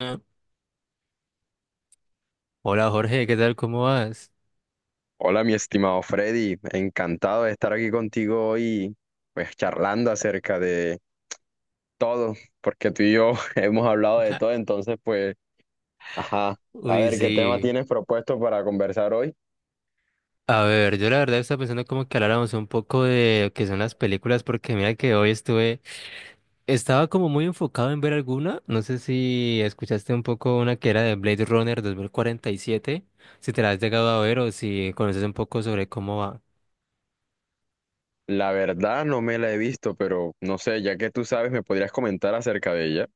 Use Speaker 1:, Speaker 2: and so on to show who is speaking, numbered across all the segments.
Speaker 1: Ah, hola Jorge, ¿qué tal? ¿Cómo vas?
Speaker 2: Hola, mi estimado Freddy, encantado de estar aquí contigo hoy, pues charlando acerca de todo, porque tú y yo hemos hablado de
Speaker 1: Ajá.
Speaker 2: todo, entonces pues, ajá, a
Speaker 1: Uy,
Speaker 2: ver, ¿qué tema
Speaker 1: sí.
Speaker 2: tienes propuesto para conversar hoy?
Speaker 1: A ver, yo la verdad estaba pensando como que habláramos un poco de lo que son las películas, porque mira que hoy estuve, estaba como muy enfocado en ver alguna, no sé si escuchaste un poco una que era de Blade Runner 2047. Si te la has llegado a ver o si conoces un poco sobre cómo va.
Speaker 2: La verdad no me la he visto, pero no sé, ya que tú sabes, me podrías comentar acerca de ella.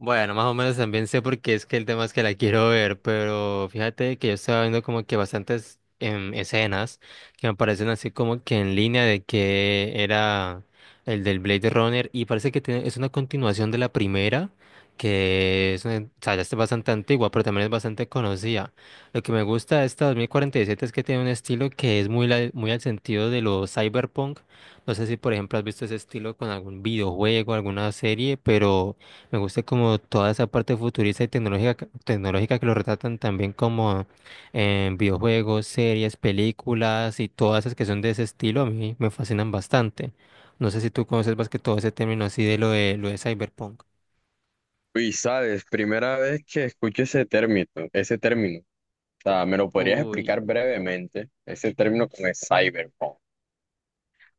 Speaker 1: Bueno, más o menos también sé porque es que el tema es que la quiero ver, pero fíjate que yo estaba viendo como que bastantes escenas que me parecen así como que en línea de que era el del Blade Runner y parece que es una continuación de la primera, que es, o sea, ya es bastante antigua, pero también es bastante conocida. Lo que me gusta de esta 2047 es que tiene un estilo que es muy, muy al sentido de lo cyberpunk. No sé si, por ejemplo, has visto ese estilo con algún videojuego, alguna serie, pero... Me gusta como toda esa parte futurista y tecnológica, tecnológica que lo retratan también como en videojuegos, series, películas y todas esas que son de ese estilo, a mí me fascinan bastante. No sé si tú conoces más que todo ese término así de lo de cyberpunk.
Speaker 2: Y sabes, primera vez que escucho ese término, o sea, ¿me lo podrías explicar
Speaker 1: Uy.
Speaker 2: brevemente? Ese término con el cyberpunk.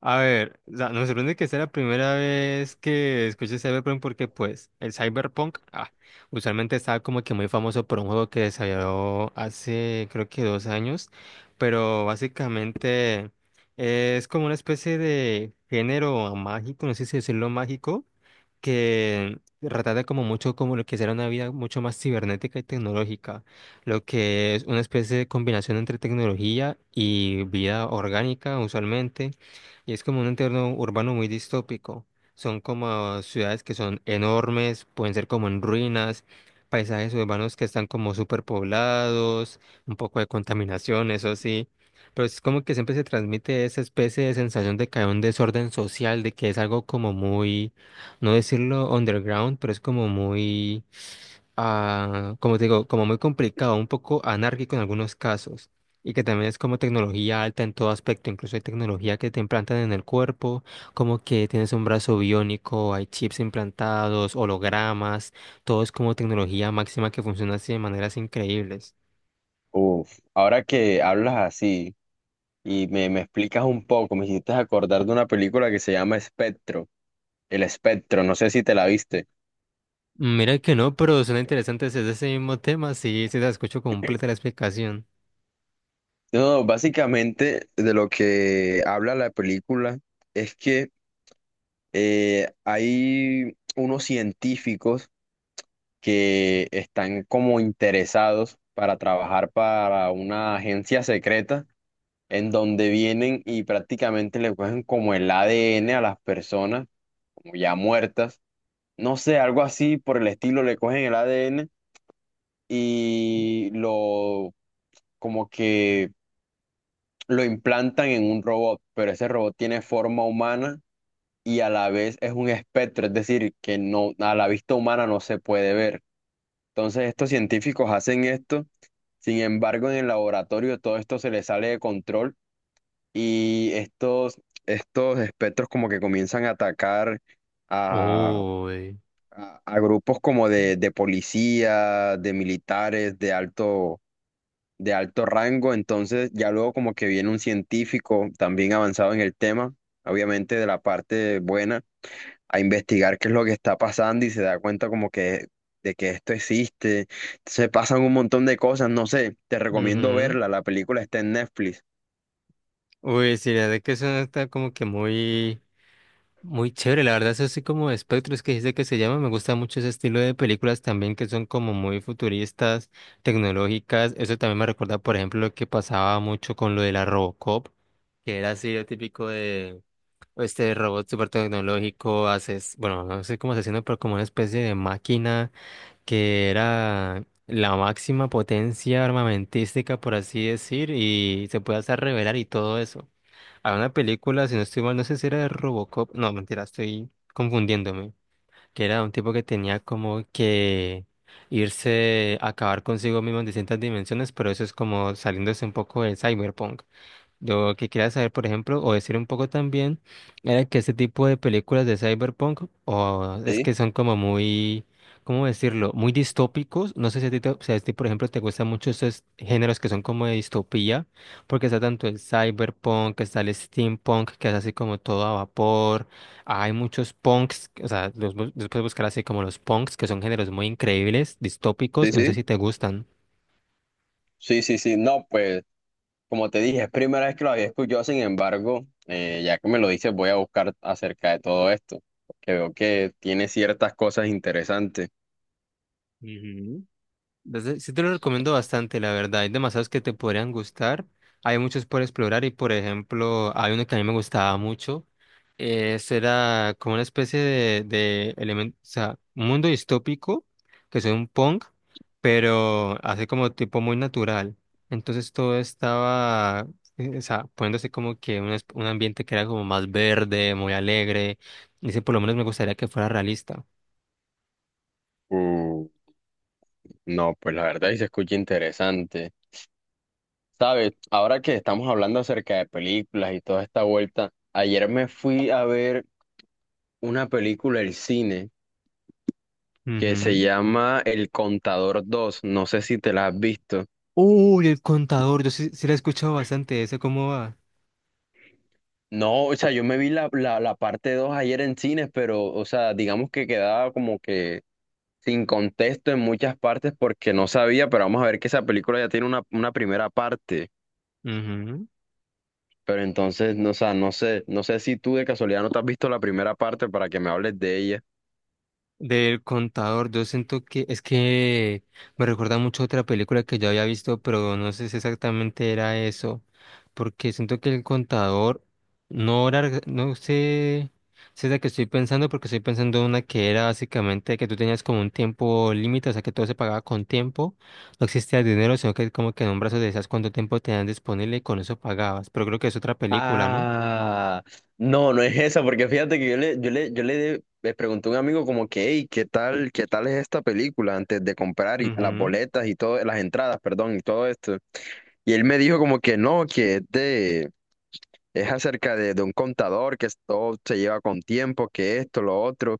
Speaker 1: A ver, o sea, me sorprende que sea la primera vez que escuché Cyberpunk porque pues el Cyberpunk usualmente estaba como que muy famoso por un juego que desarrolló hace creo que dos años, pero básicamente es como una especie de género mágico, no sé si decirlo mágico, que retrata como mucho como lo que será una vida mucho más cibernética y tecnológica, lo que es una especie de combinación entre tecnología y vida orgánica usualmente y es como un entorno urbano muy distópico. Son como ciudades que son enormes, pueden ser como en ruinas, paisajes urbanos que están como superpoblados, un poco de contaminación, eso sí. Pero es como que siempre se transmite esa especie de sensación de que hay un desorden social, de que es algo como muy, no decirlo underground, pero es como muy como te digo, como muy complicado, un poco anárquico en algunos casos, y que también es como tecnología alta en todo aspecto, incluso hay tecnología que te implantan en el cuerpo, como que tienes un brazo biónico, hay chips implantados, hologramas, todo es como tecnología máxima que funciona así de maneras increíbles.
Speaker 2: Uf, ahora que hablas así y me explicas un poco, me hiciste acordar de una película que se llama Espectro, El Espectro, no sé si te la viste.
Speaker 1: Mira que no, pero suena interesante ese mismo tema, sí, sí la escucho completa la explicación.
Speaker 2: No, básicamente de lo que habla la película es que hay unos científicos que están como interesados para trabajar para una agencia secreta en donde vienen y prácticamente le cogen como el ADN a las personas, como ya muertas, no sé, algo así por el estilo, le cogen el ADN y lo como que lo implantan en un robot, pero ese robot tiene forma humana y a la vez es un espectro, es decir, que no a la vista humana no se puede ver. Entonces estos científicos hacen esto, sin embargo en el laboratorio todo esto se les sale de control y estos espectros como que comienzan a atacar a,
Speaker 1: Uy.
Speaker 2: a grupos como de policía, de militares, de alto rango, entonces ya luego como que viene un científico también avanzado en el tema, obviamente de la parte buena a investigar qué es lo que está pasando y se da cuenta como que de que esto existe. Se pasan un montón de cosas, no sé, te recomiendo
Speaker 1: Ujú.
Speaker 2: verla, la película está en Netflix.
Speaker 1: Uy, sí, la verdad que eso está como que muy, muy chévere, la verdad es así como espectros que dice que se llama, me gusta mucho ese estilo de películas también que son como muy futuristas, tecnológicas, eso también me recuerda por ejemplo lo que pasaba mucho con lo de la Robocop, que era así lo típico de este robot súper tecnológico, haces, bueno, no sé cómo asesino, pero como una especie de máquina que era la máxima potencia armamentística por así decir y se puede hacer revelar y todo eso a una película, si no estoy mal, no sé si era de Robocop. No, mentira, estoy confundiéndome. Que era un tipo que tenía como que irse a acabar consigo mismo en distintas dimensiones, pero eso es como saliéndose un poco del cyberpunk. Lo que quería saber, por ejemplo, o decir un poco también, era que ese tipo de películas de cyberpunk, o es que
Speaker 2: Sí,
Speaker 1: son como muy, ¿cómo decirlo? Muy distópicos. No sé si a ti, si a ti, por ejemplo, te gustan mucho esos géneros que son como de distopía, porque está tanto el cyberpunk, está el steampunk, que es así como todo a vapor. Hay muchos punks, o sea, los puedes buscar así como los punks, que son géneros muy increíbles, distópicos,
Speaker 2: sí,
Speaker 1: y no sé si
Speaker 2: sí,
Speaker 1: te gustan.
Speaker 2: sí, sí, sí. No, pues como te dije, es primera vez que lo había escuchado, sin embargo, ya que me lo dices, voy a buscar acerca de todo esto, porque veo que tiene ciertas cosas interesantes.
Speaker 1: Sí te lo recomiendo bastante, la verdad. Hay demasiados que te podrían gustar. Hay muchos por explorar y, por ejemplo, hay uno que a mí me gustaba mucho. Ese era como una especie de elemento, o sea, un mundo distópico, que es un punk, pero así como tipo muy natural. Entonces todo estaba, o sea, poniéndose como que un, un ambiente que era como más verde, muy alegre. Y ese por lo menos me gustaría que fuera realista.
Speaker 2: Mm, no, pues la verdad sí se escucha interesante. Sabes, ahora que estamos hablando acerca de películas y toda esta vuelta, ayer me fui a ver una película del cine que se
Speaker 1: Ujú.
Speaker 2: llama El Contador dos, no sé si te la has visto.
Speaker 1: Uy, el contador, yo sí, sí la he escuchado bastante, ¿esa cómo va?
Speaker 2: No, o sea, yo me vi la parte 2 ayer en cines, pero, o sea, digamos que quedaba como que sin contexto en muchas partes porque no sabía, pero vamos a ver que esa película ya tiene una primera parte.
Speaker 1: Ujú.
Speaker 2: Pero entonces, no, o sea, no sé, no sé si tú de casualidad no te has visto la primera parte para que me hables de ella.
Speaker 1: Del contador, yo siento que es que me recuerda mucho a otra película que yo había visto, pero no sé si exactamente era eso, porque siento que el contador no era, no sé si es la que estoy pensando, porque estoy pensando en una que era básicamente que tú tenías como un tiempo límite, o sea que todo se pagaba con tiempo, no existía dinero, sino que como que en un brazo decías cuánto tiempo tenían disponible y con eso pagabas, pero creo que es otra película, ¿no?
Speaker 2: Ah, no, no es esa, porque fíjate que le pregunté a un amigo como que, hey, ¿ qué tal es esta película antes de comprar y las
Speaker 1: Ujú.
Speaker 2: boletas y todo, las entradas, perdón, ¿y todo esto? Y él me dijo como que no, es acerca de un contador, todo se lleva con tiempo, que esto, lo otro.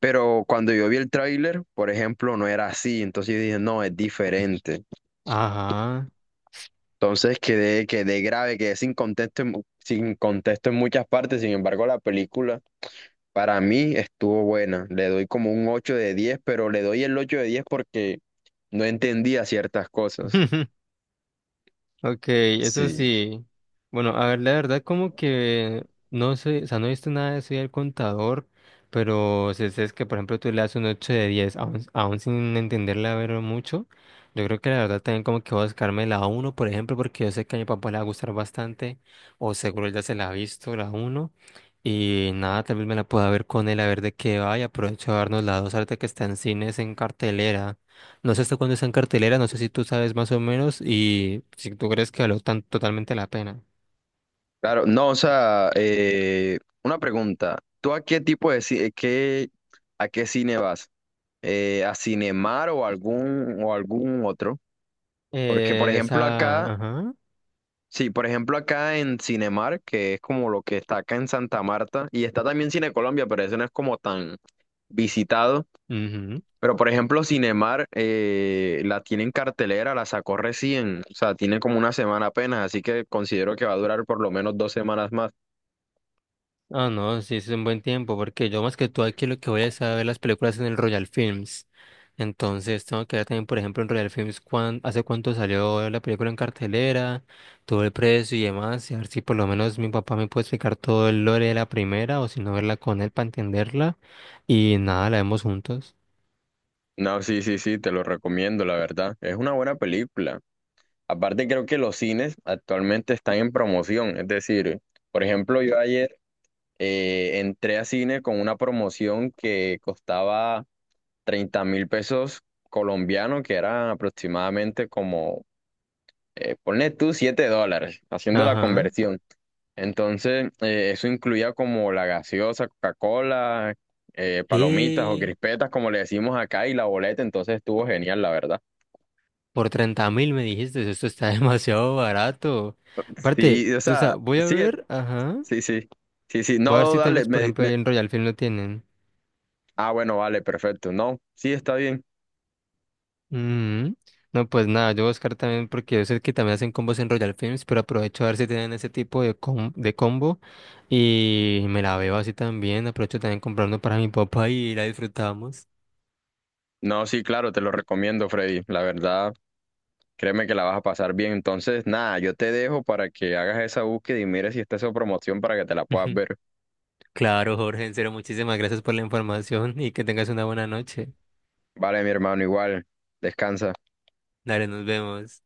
Speaker 2: Pero cuando yo vi el tráiler, por ejemplo, no era así, entonces yo dije, no, es diferente.
Speaker 1: Ajá.
Speaker 2: Entonces quedé grave, quedé sin contexto, sin contexto en muchas partes. Sin embargo, la película para mí estuvo buena. Le doy como un 8 de diez, pero le doy el 8 de 10 porque no entendía ciertas cosas.
Speaker 1: Ok, eso
Speaker 2: Sí.
Speaker 1: sí. Bueno, a ver, la verdad como que no sé, o sea, no he visto nada de eso del contador, pero si es que, por ejemplo, tú le das un 8 de 10 aún, aún sin entenderla ver mucho, yo creo que la verdad también como que voy a buscarme la uno por ejemplo, porque yo sé que a mi papá le va a gustar bastante, o seguro él ya se la ha visto, la uno y nada, tal vez me la pueda ver con él, a ver de qué va, y aprovecho a darnos la 2 ahorita que está en cines en cartelera. No sé hasta cuándo está en cartelera, no sé si tú sabes más o menos y si tú crees que valió tan totalmente la pena.
Speaker 2: Claro, no, o sea, una pregunta. ¿Tú a qué tipo de a qué cine vas? ¿A Cinemar o o algún otro? Porque, por ejemplo,
Speaker 1: Esa,
Speaker 2: acá
Speaker 1: ajá.
Speaker 2: sí, por ejemplo, acá en Cinemark, que es como lo que está acá en Santa Marta, y está también Cine Colombia, pero eso no es como tan visitado.
Speaker 1: Ujú.
Speaker 2: Pero por ejemplo, Cinemark la tiene en cartelera, la sacó recién, o sea, tiene como una semana apenas, así que considero que va a durar por lo menos dos semanas más.
Speaker 1: Ah, no, sí, es un buen tiempo, porque yo más que tú aquí lo que voy es a ver las películas en el Royal Films. Entonces tengo que ver también, por ejemplo, en Royal Films hace cuánto salió la película en cartelera, todo el precio y demás, y a ver si por lo menos mi papá me puede explicar todo el lore de la primera, o si no verla con él para entenderla, y nada, la vemos juntos.
Speaker 2: No, sí, sí, sí, te lo recomiendo, la verdad. Es una buena película. Aparte, creo que los cines actualmente están en promoción, es decir, por ejemplo, yo ayer entré a cine con una promoción que costaba 30.000 pesos colombianos, que eran aproximadamente como, ponle tú $7, haciendo la
Speaker 1: Ajá.
Speaker 2: conversión. Entonces, eso incluía como la gaseosa, Coca-Cola, palomitas o
Speaker 1: Sí,
Speaker 2: crispetas, como le decimos acá, y la boleta, entonces estuvo genial, la verdad.
Speaker 1: por 30.000 me dijiste, esto está demasiado barato. Aparte,
Speaker 2: Sí, o
Speaker 1: o sea,
Speaker 2: sea,
Speaker 1: voy a
Speaker 2: sí,
Speaker 1: ver, ajá.
Speaker 2: sí, sí, sí, sí,
Speaker 1: Voy a
Speaker 2: no,
Speaker 1: ver
Speaker 2: no,
Speaker 1: si tal
Speaker 2: dale,
Speaker 1: vez, por ejemplo,
Speaker 2: me-
Speaker 1: ahí en Royal Film lo tienen.
Speaker 2: ah, bueno, vale, perfecto, no, sí, está bien.
Speaker 1: Mm. No, pues nada, yo voy a buscar también porque yo sé que también hacen combos en Royal Films, pero aprovecho a ver si tienen ese tipo de, de combo y me la veo así también. Aprovecho también comprando para mi papá y la disfrutamos.
Speaker 2: No, sí, claro, te lo recomiendo, Freddy, la verdad. Créeme que la vas a pasar bien. Entonces, nada, yo te dejo para que hagas esa búsqueda y mires si está esa promoción para que te la puedas ver.
Speaker 1: Claro, Jorge, en serio, muchísimas gracias por la información y que tengas una buena noche.
Speaker 2: Vale, mi hermano, igual. Descansa.
Speaker 1: Dale, nos vemos.